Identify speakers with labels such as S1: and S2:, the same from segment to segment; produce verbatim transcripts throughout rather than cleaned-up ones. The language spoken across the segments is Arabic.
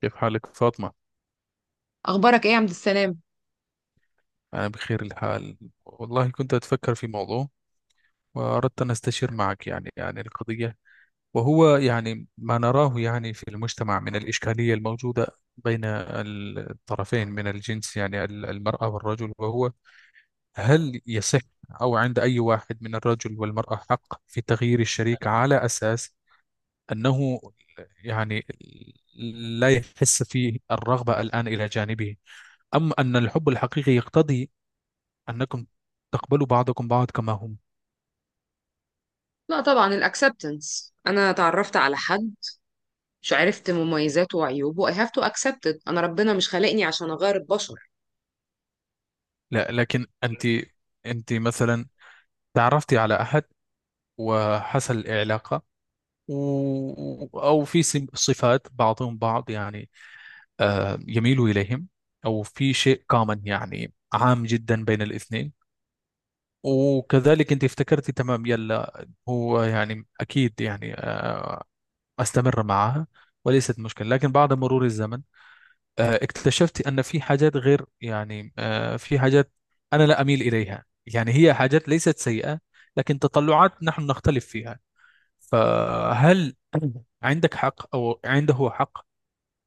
S1: كيف حالك فاطمة؟
S2: اخبارك ايه يا عبد السلام؟
S1: أنا بخير الحال. والله كنت أتفكر في موضوع، وأردت أن أستشير معك يعني عن القضية. وهو يعني ما نراه يعني في المجتمع من الإشكالية الموجودة بين الطرفين من الجنس، يعني ال- المرأة والرجل. وهو، هل يصح أو عند أي واحد من الرجل والمرأة حق في تغيير الشريك على أساس أنه يعني لا يحس فيه الرغبة الآن إلى جانبه، أم أن الحب الحقيقي يقتضي أنكم تقبلوا بعضكم بعض كما هم؟
S2: لا، طبعا الاكسبتنس. انا تعرفت على حد مش عرفت مميزاته وعيوبه. I have to accept it. انا ربنا مش خلقني عشان اغير البشر.
S1: لا، لكن أنت، أنت مثلا تعرفتي على أحد وحصل علاقة، و... أو في سم- صفات بعضهم بعض، يعني آه يميلوا إليهم، أو في شيء كومن يعني عام جدا بين الاثنين. وكذلك أنت افتكرتي تمام، يلا هو يعني أكيد يعني آه، أستمر معها وليست مشكلة. لكن بعد مرور الزمن، آه، اكتشفت أن في حاجات غير، يعني آه، في حاجات أنا لا أميل إليها، يعني هي حاجات ليست سيئة لكن تطلعات نحن نختلف فيها. فهل عندك حق أو عنده حق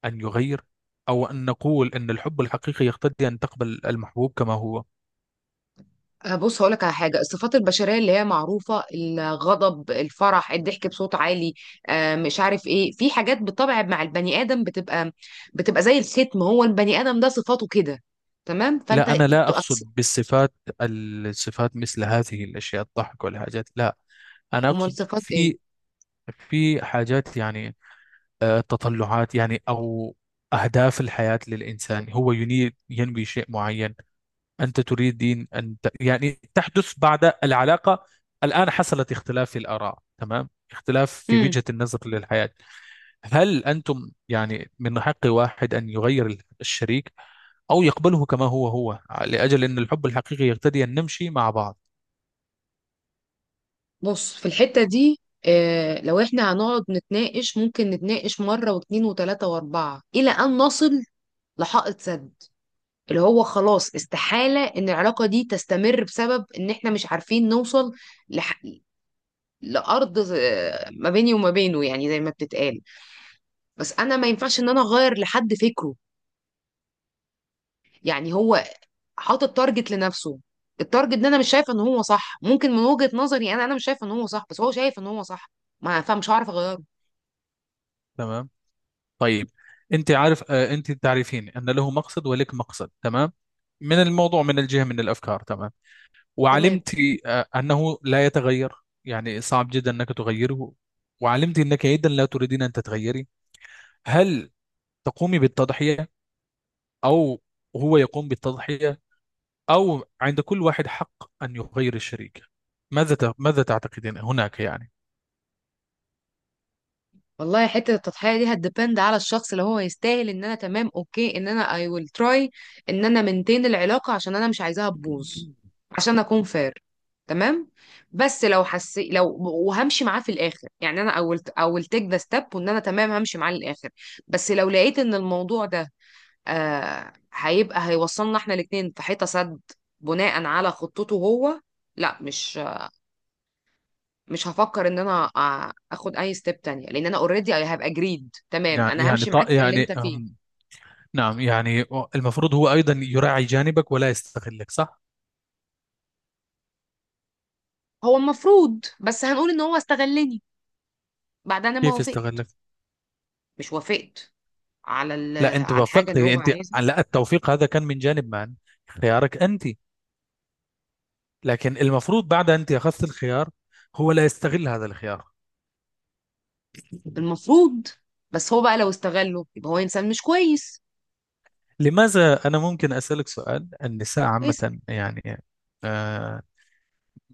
S1: أن يغير، أو أن نقول أن الحب الحقيقي يقتضي أن تقبل المحبوب كما هو؟
S2: آه، بص هقولك على حاجه. الصفات البشريه اللي هي معروفه، الغضب، الفرح، الضحك بصوت عالي، آه، مش عارف ايه. في حاجات بالطبع مع البني ادم بتبقى بتبقى زي الختم. هو البني ادم ده صفاته كده، تمام. فانت
S1: لا، أنا لا
S2: تو اكسبت.
S1: أقصد بالصفات. الصفات مثل هذه الأشياء، الضحك والحاجات، لا. أنا
S2: امال
S1: أقصد
S2: صفات ايه؟
S1: في في حاجات، يعني آه، تطلعات يعني أو أهداف الحياة للإنسان. هو يني- ينوي شيء معين، أنت تريدين أن ت... يعني تحدث بعد العلاقة. الآن حصلت اختلاف في الآراء، تمام، اختلاف في وجهة النظر للحياة. هل أنتم يعني من حق واحد أن يغير الشريك أو يقبله كما هو هو، لأجل أن الحب الحقيقي يقتضي أن نمشي مع بعض؟
S2: بص في الحتة دي، آه، لو احنا هنقعد نتناقش ممكن نتناقش مرة واتنين وتلاتة واربعة إلى أن نصل لحائط سد، اللي هو خلاص استحالة إن العلاقة دي تستمر بسبب إن احنا مش عارفين نوصل لح... لأرض. آه، ما بيني وما بينه، يعني زي ما بتتقال. بس أنا ما ينفعش إن أنا أغير لحد فكره. يعني هو حاطط تارجت لنفسه. التارجت ده أنا مش شايفة إن هو صح. ممكن من وجهة نظري أنا أنا مش شايفة إن هو صح، بس هو شايف إن هو صح. ما فمش هعرف أغيره،
S1: تمام. طيب، أنت عارف، آه، أنت تعرفين أن له مقصد ولك مقصد، تمام، من الموضوع، من الجهة، من الأفكار، تمام.
S2: تمام.
S1: وعلمت آه، أنه لا يتغير، يعني صعب جدا أنك تغيره. وعلمت أنك أيضا لا تريدين أن تتغيري. هل تقومي بالتضحية، أو هو يقوم بالتضحية، أو عند كل واحد حق أن يغير الشريك؟ ماذا ت- ماذا تعتقدين هناك؟ يعني
S2: والله حتة التضحية دي هتديبند على الشخص اللي هو يستاهل. ان انا، تمام، اوكي، ان انا I will try، ان انا منتين العلاقة عشان انا مش عايزاها تبوظ، عشان اكون فير، تمام. بس لو حسي، لو وهمشي معاه في الاخر يعني انا I will I will take the step. وان انا تمام همشي معاه للاخر. بس لو لقيت ان الموضوع ده آه هيبقى هيوصلنا احنا الاتنين في حيطة سد بناء على خطته هو، لا مش مش هفكر ان انا آ- اخد اي ستيب تانية. لان انا اوريدي هبقى اجريد. تمام،
S1: يعني
S2: انا
S1: يعني
S2: همشي
S1: ط-
S2: معاك في اللي
S1: يعني
S2: انت فيه.
S1: أم، نعم، يعني المفروض هو أيضا يراعي جانبك ولا يستغلك، صح؟
S2: هو المفروض، بس هنقول ان هو استغلني بعد انا ما
S1: كيف
S2: وافقت.
S1: يستغلك؟
S2: مش وافقت على ال-
S1: لا، أنت
S2: على الحاجة اللي
S1: وافقتي
S2: هو
S1: أنت.
S2: عايزها.
S1: لا، التوفيق هذا كان من جانب من؟ خيارك أنت. لكن المفروض بعد أنت أخذت الخيار، هو لا يستغل هذا الخيار.
S2: المفروض، بس هو بقى لو استغله يبقى هو انسان مش كويس.
S1: لماذا؟ أنا ممكن أسألك سؤال، النساء
S2: كويس.
S1: عامة، يعني آه،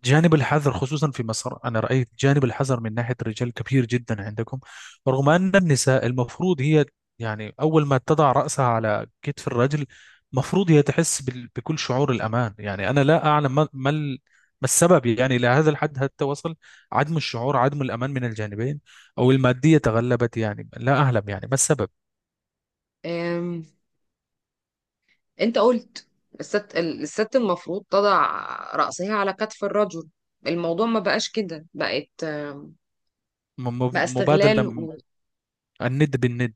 S1: جانب الحذر خصوصا في مصر، أنا رأيت جانب الحذر من ناحية الرجال كبير جدا عندكم، رغم أن النساء المفروض هي، يعني أول ما تضع رأسها على كتف الرجل مفروض هي تحس بال- بكل شعور الأمان. يعني أنا لا أعلم، ما ما ال- ما السبب يعني إلى هذا الحد حتى وصل عدم الشعور، عدم الأمان من الجانبين، أو المادية تغلبت، يعني لا أعلم يعني ما السبب.
S2: أم... انت قلت الست الست المفروض تضع رأسها على كتف الرجل. الموضوع ما بقاش كده، بقت، آم،
S1: م-
S2: بقى
S1: م- مبادلة،
S2: استغلال.
S1: م- الند بالند.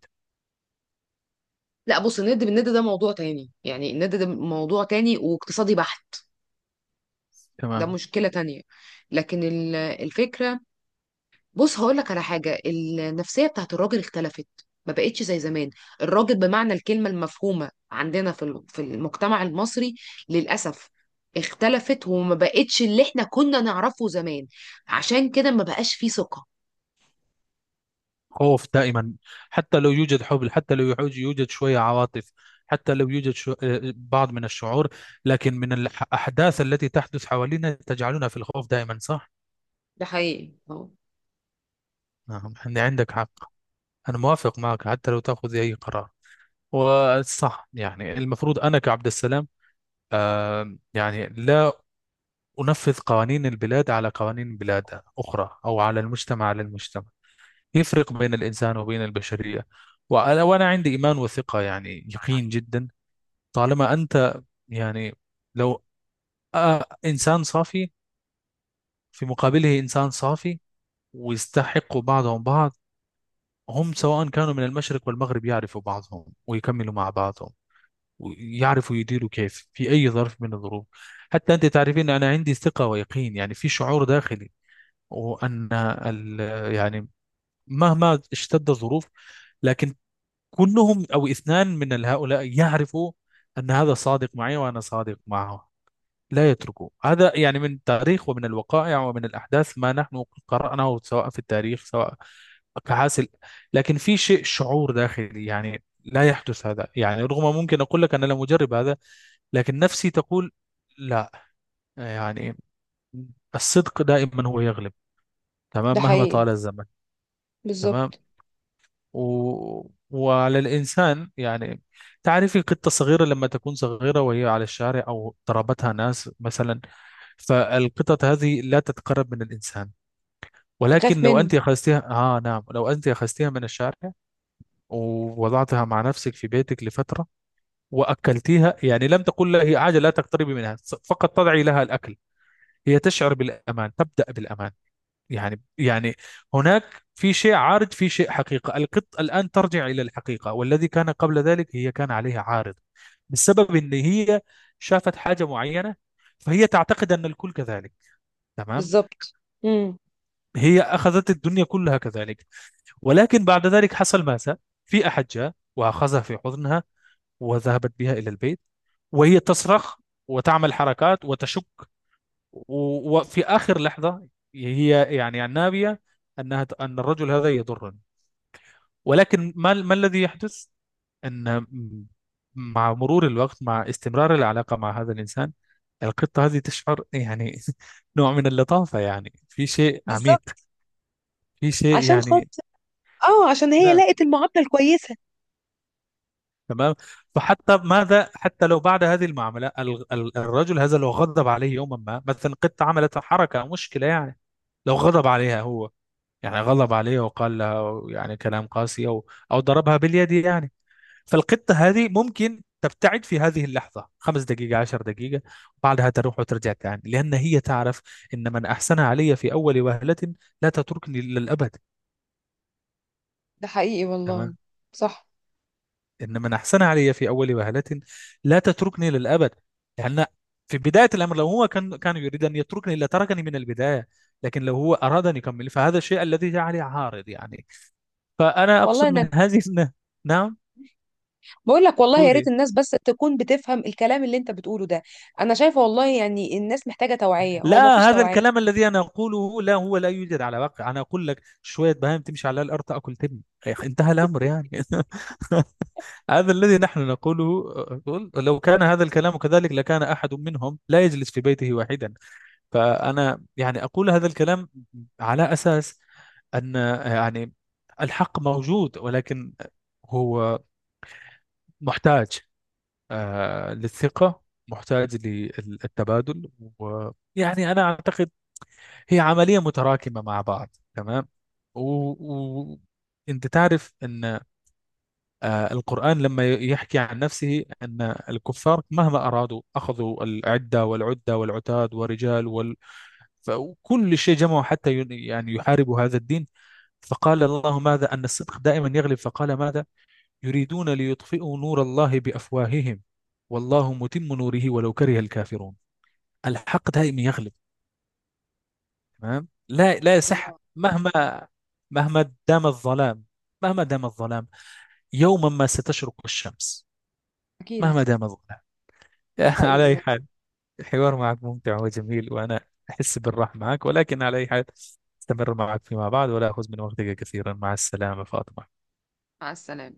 S2: لا بص، الند بالند ده موضوع تاني. يعني الند ده موضوع تاني واقتصادي بحت. ده
S1: تمام.
S2: مشكلة تانية. لكن ال- الفكرة، بص هقول لك على حاجة. النفسية بتاعت الراجل اختلفت، ما بقتش زي زمان. الراجل بمعنى الكلمة المفهومة عندنا في ال- في المجتمع المصري، للأسف، اختلفت وما بقتش اللي احنا كنا نعرفه زمان. عشان كده ما بقاش فيه ثقة.
S1: خوف دائما، حتى لو يوجد حب، حتى لو يعوج- يوجد شوية عواطف، حتى لو يوجد شو... آه، بعض من الشعور، لكن من الأحداث التي تحدث حوالينا تجعلنا في الخوف دائما، صح؟
S2: ده حقيقي، اه.
S1: نعم، إن عندك حق. أنا موافق معك، حتى لو تأخذ أي قرار. وصح، يعني المفروض أنا كعبد السلام، آه، يعني لا أنفذ قوانين البلاد على قوانين بلاد أخرى، أو على المجتمع، على المجتمع يفرق بين الإنسان وبين البشرية. وأنا وأنا عندي إيمان وثقة، يعني يقين جدا. طالما أنت، يعني لو آه، إنسان صافي في مقابله إنسان صافي ويستحقوا بعضهم بعض، هم سواء كانوا من المشرق والمغرب يعرفوا بعضهم ويكملوا مع بعضهم ويعرفوا يديروا كيف في أي ظرف من الظروف. حتى أنت تعرفين أنا عندي ثقة ويقين، يعني في شعور داخلي، وأن ال- يعني مهما اشتد الظروف، لكن كلهم أو اثنان من هؤلاء يعرفوا أن هذا صادق معي وأنا صادق معه، لا يتركه. هذا يعني من التاريخ ومن الوقائع ومن الأحداث ما نحن قرأناه، سواء في التاريخ، سواء كحاصل. لكن في شيء، شعور داخلي، يعني لا يحدث هذا، يعني رغم ممكن أقول لك أنا لم أجرب هذا، لكن نفسي تقول لا. يعني الصدق دائما هو يغلب،
S2: ده
S1: تمام، مهما
S2: حقيقي،
S1: طال الزمن. تمام.
S2: بالظبط.
S1: و... وعلى الإنسان، يعني تعرفي قطة صغيرة، لما تكون صغيرة وهي على الشارع أو ضربتها ناس مثلا، فالقطط هذه لا تتقرب من الإنسان. ولكن
S2: تخاف
S1: لو
S2: منه.
S1: أنت أخذتها، آه نعم، لو أنت أخذتها من الشارع ووضعتها مع نفسك في بيتك لفترة، وأكلتيها، يعني لم تقل لها هي عاجل لا تقتربي منها، فقط تضعي لها الأكل، هي تشعر بالأمان، تبدأ بالأمان. يعني يعني هناك في شيء عارض، في شيء حقيقة. القط الآن ترجع إلى الحقيقة، والذي كان قبل ذلك هي كان عليها عارض بسبب إن هي شافت حاجة معينة، فهي تعتقد أن الكل كذلك، تمام،
S2: بالظبط. امم.
S1: هي أخذت الدنيا كلها كذلك. ولكن بعد ذلك حصل ماذا؟ في أحد جاء وأخذها في حضنها، وذهبت بها إلى البيت، وهي تصرخ وتعمل حركات وتشك. و- وفي آخر لحظة، هي يعني النابية أنها أن الرجل هذا يضرني. ولكن ما ما الذي يحدث، أن مع مرور الوقت، مع استمرار العلاقة مع هذا الإنسان، القطة هذه تشعر يعني نوع من اللطافة، يعني في شيء عميق،
S2: بالظبط.
S1: في شيء
S2: عشان
S1: يعني
S2: خاطر، اه، عشان هي لقت المعادلة الكويسة.
S1: تمام. فحتى ماذا؟ حتى لو بعد هذه المعاملة ال- ال- الرجل هذا لو غضب عليه يوما ما، مثلا قط عملت حركة أو مشكلة يعني لو غضب عليها هو، يعني غضب عليها وقال لها يعني كلام قاسي، أو أو ضربها باليد، يعني فالقطة هذه ممكن تبتعد في هذه اللحظة، خمس دقيقة، عشر دقيقة، بعدها تروح وترجع تاني، لأن هي تعرف إن من أحسن علي في أول وهلة لا تتركني للأبد.
S2: ده حقيقي والله.
S1: تمام.
S2: صح.
S1: إن من أحسن علي في أول وهلة لا تتركني للأبد، لأن في بداية الأمر لو هو كان كان يريد أن يتركني لتركني من البداية، لكن لو هو أراد أن يكمل فهذا الشيء الذي جعلي عارض. يعني فأنا
S2: والله
S1: أقصد
S2: انا
S1: من هذه الن- نعم،
S2: بقول لك والله، يا ريت
S1: قولي.
S2: الناس بس تكون بتفهم الكلام اللي انت بتقوله ده. انا شايفه والله، يعني الناس محتاجه توعيه. هو ما فيش
S1: لا، هذا
S2: توعيه.
S1: الكلام الذي أنا أقوله، لا، هو لا يوجد على واقع. أنا أقول لك شوية بهائم تمشي على الأرض تأكل تبن، يا أخي، انتهى الأمر يعني هذا الذي نحن نقوله، أقول لو كان هذا الكلام كذلك لكان أحد منهم لا يجلس في بيته واحدا. فأنا يعني أقول هذا الكلام على أساس أن، يعني الحق موجود، ولكن هو محتاج آه، للثقة، محتاج للتبادل. ويعني أنا أعتقد هي عملية متراكمة مع بعض، تمام. و... و... أنت تعرف أن آه، القرآن لما يحكي عن نفسه أن الكفار مهما أرادوا أخذوا العدة والعدة والعتاد ورجال، فكل شيء جمعوا حتى ين- يعني يحاربوا هذا الدين. فقال الله ماذا؟ أن الصدق دائما يغلب. فقال ماذا؟ يريدون ليطفئوا نور الله بأفواههم والله متم نوره ولو كره الكافرون. الحق دائما يغلب، تمام. لا، لا يصح،
S2: الله.
S1: مهما مهما دام الظلام، مهما دام الظلام، يوما ما ستشرق الشمس.
S2: اكيد.
S1: مهما دام الظلام.
S2: ده
S1: على
S2: حقيقي
S1: أي
S2: والله.
S1: حال، الحوار معك ممتع وجميل، وأنا أحس بالراحة معك، ولكن على أي حال، استمر معك فيما بعد ولا أخذ من وقتك كثيرا. مع السلامة فاطمة.
S2: مع السلامه.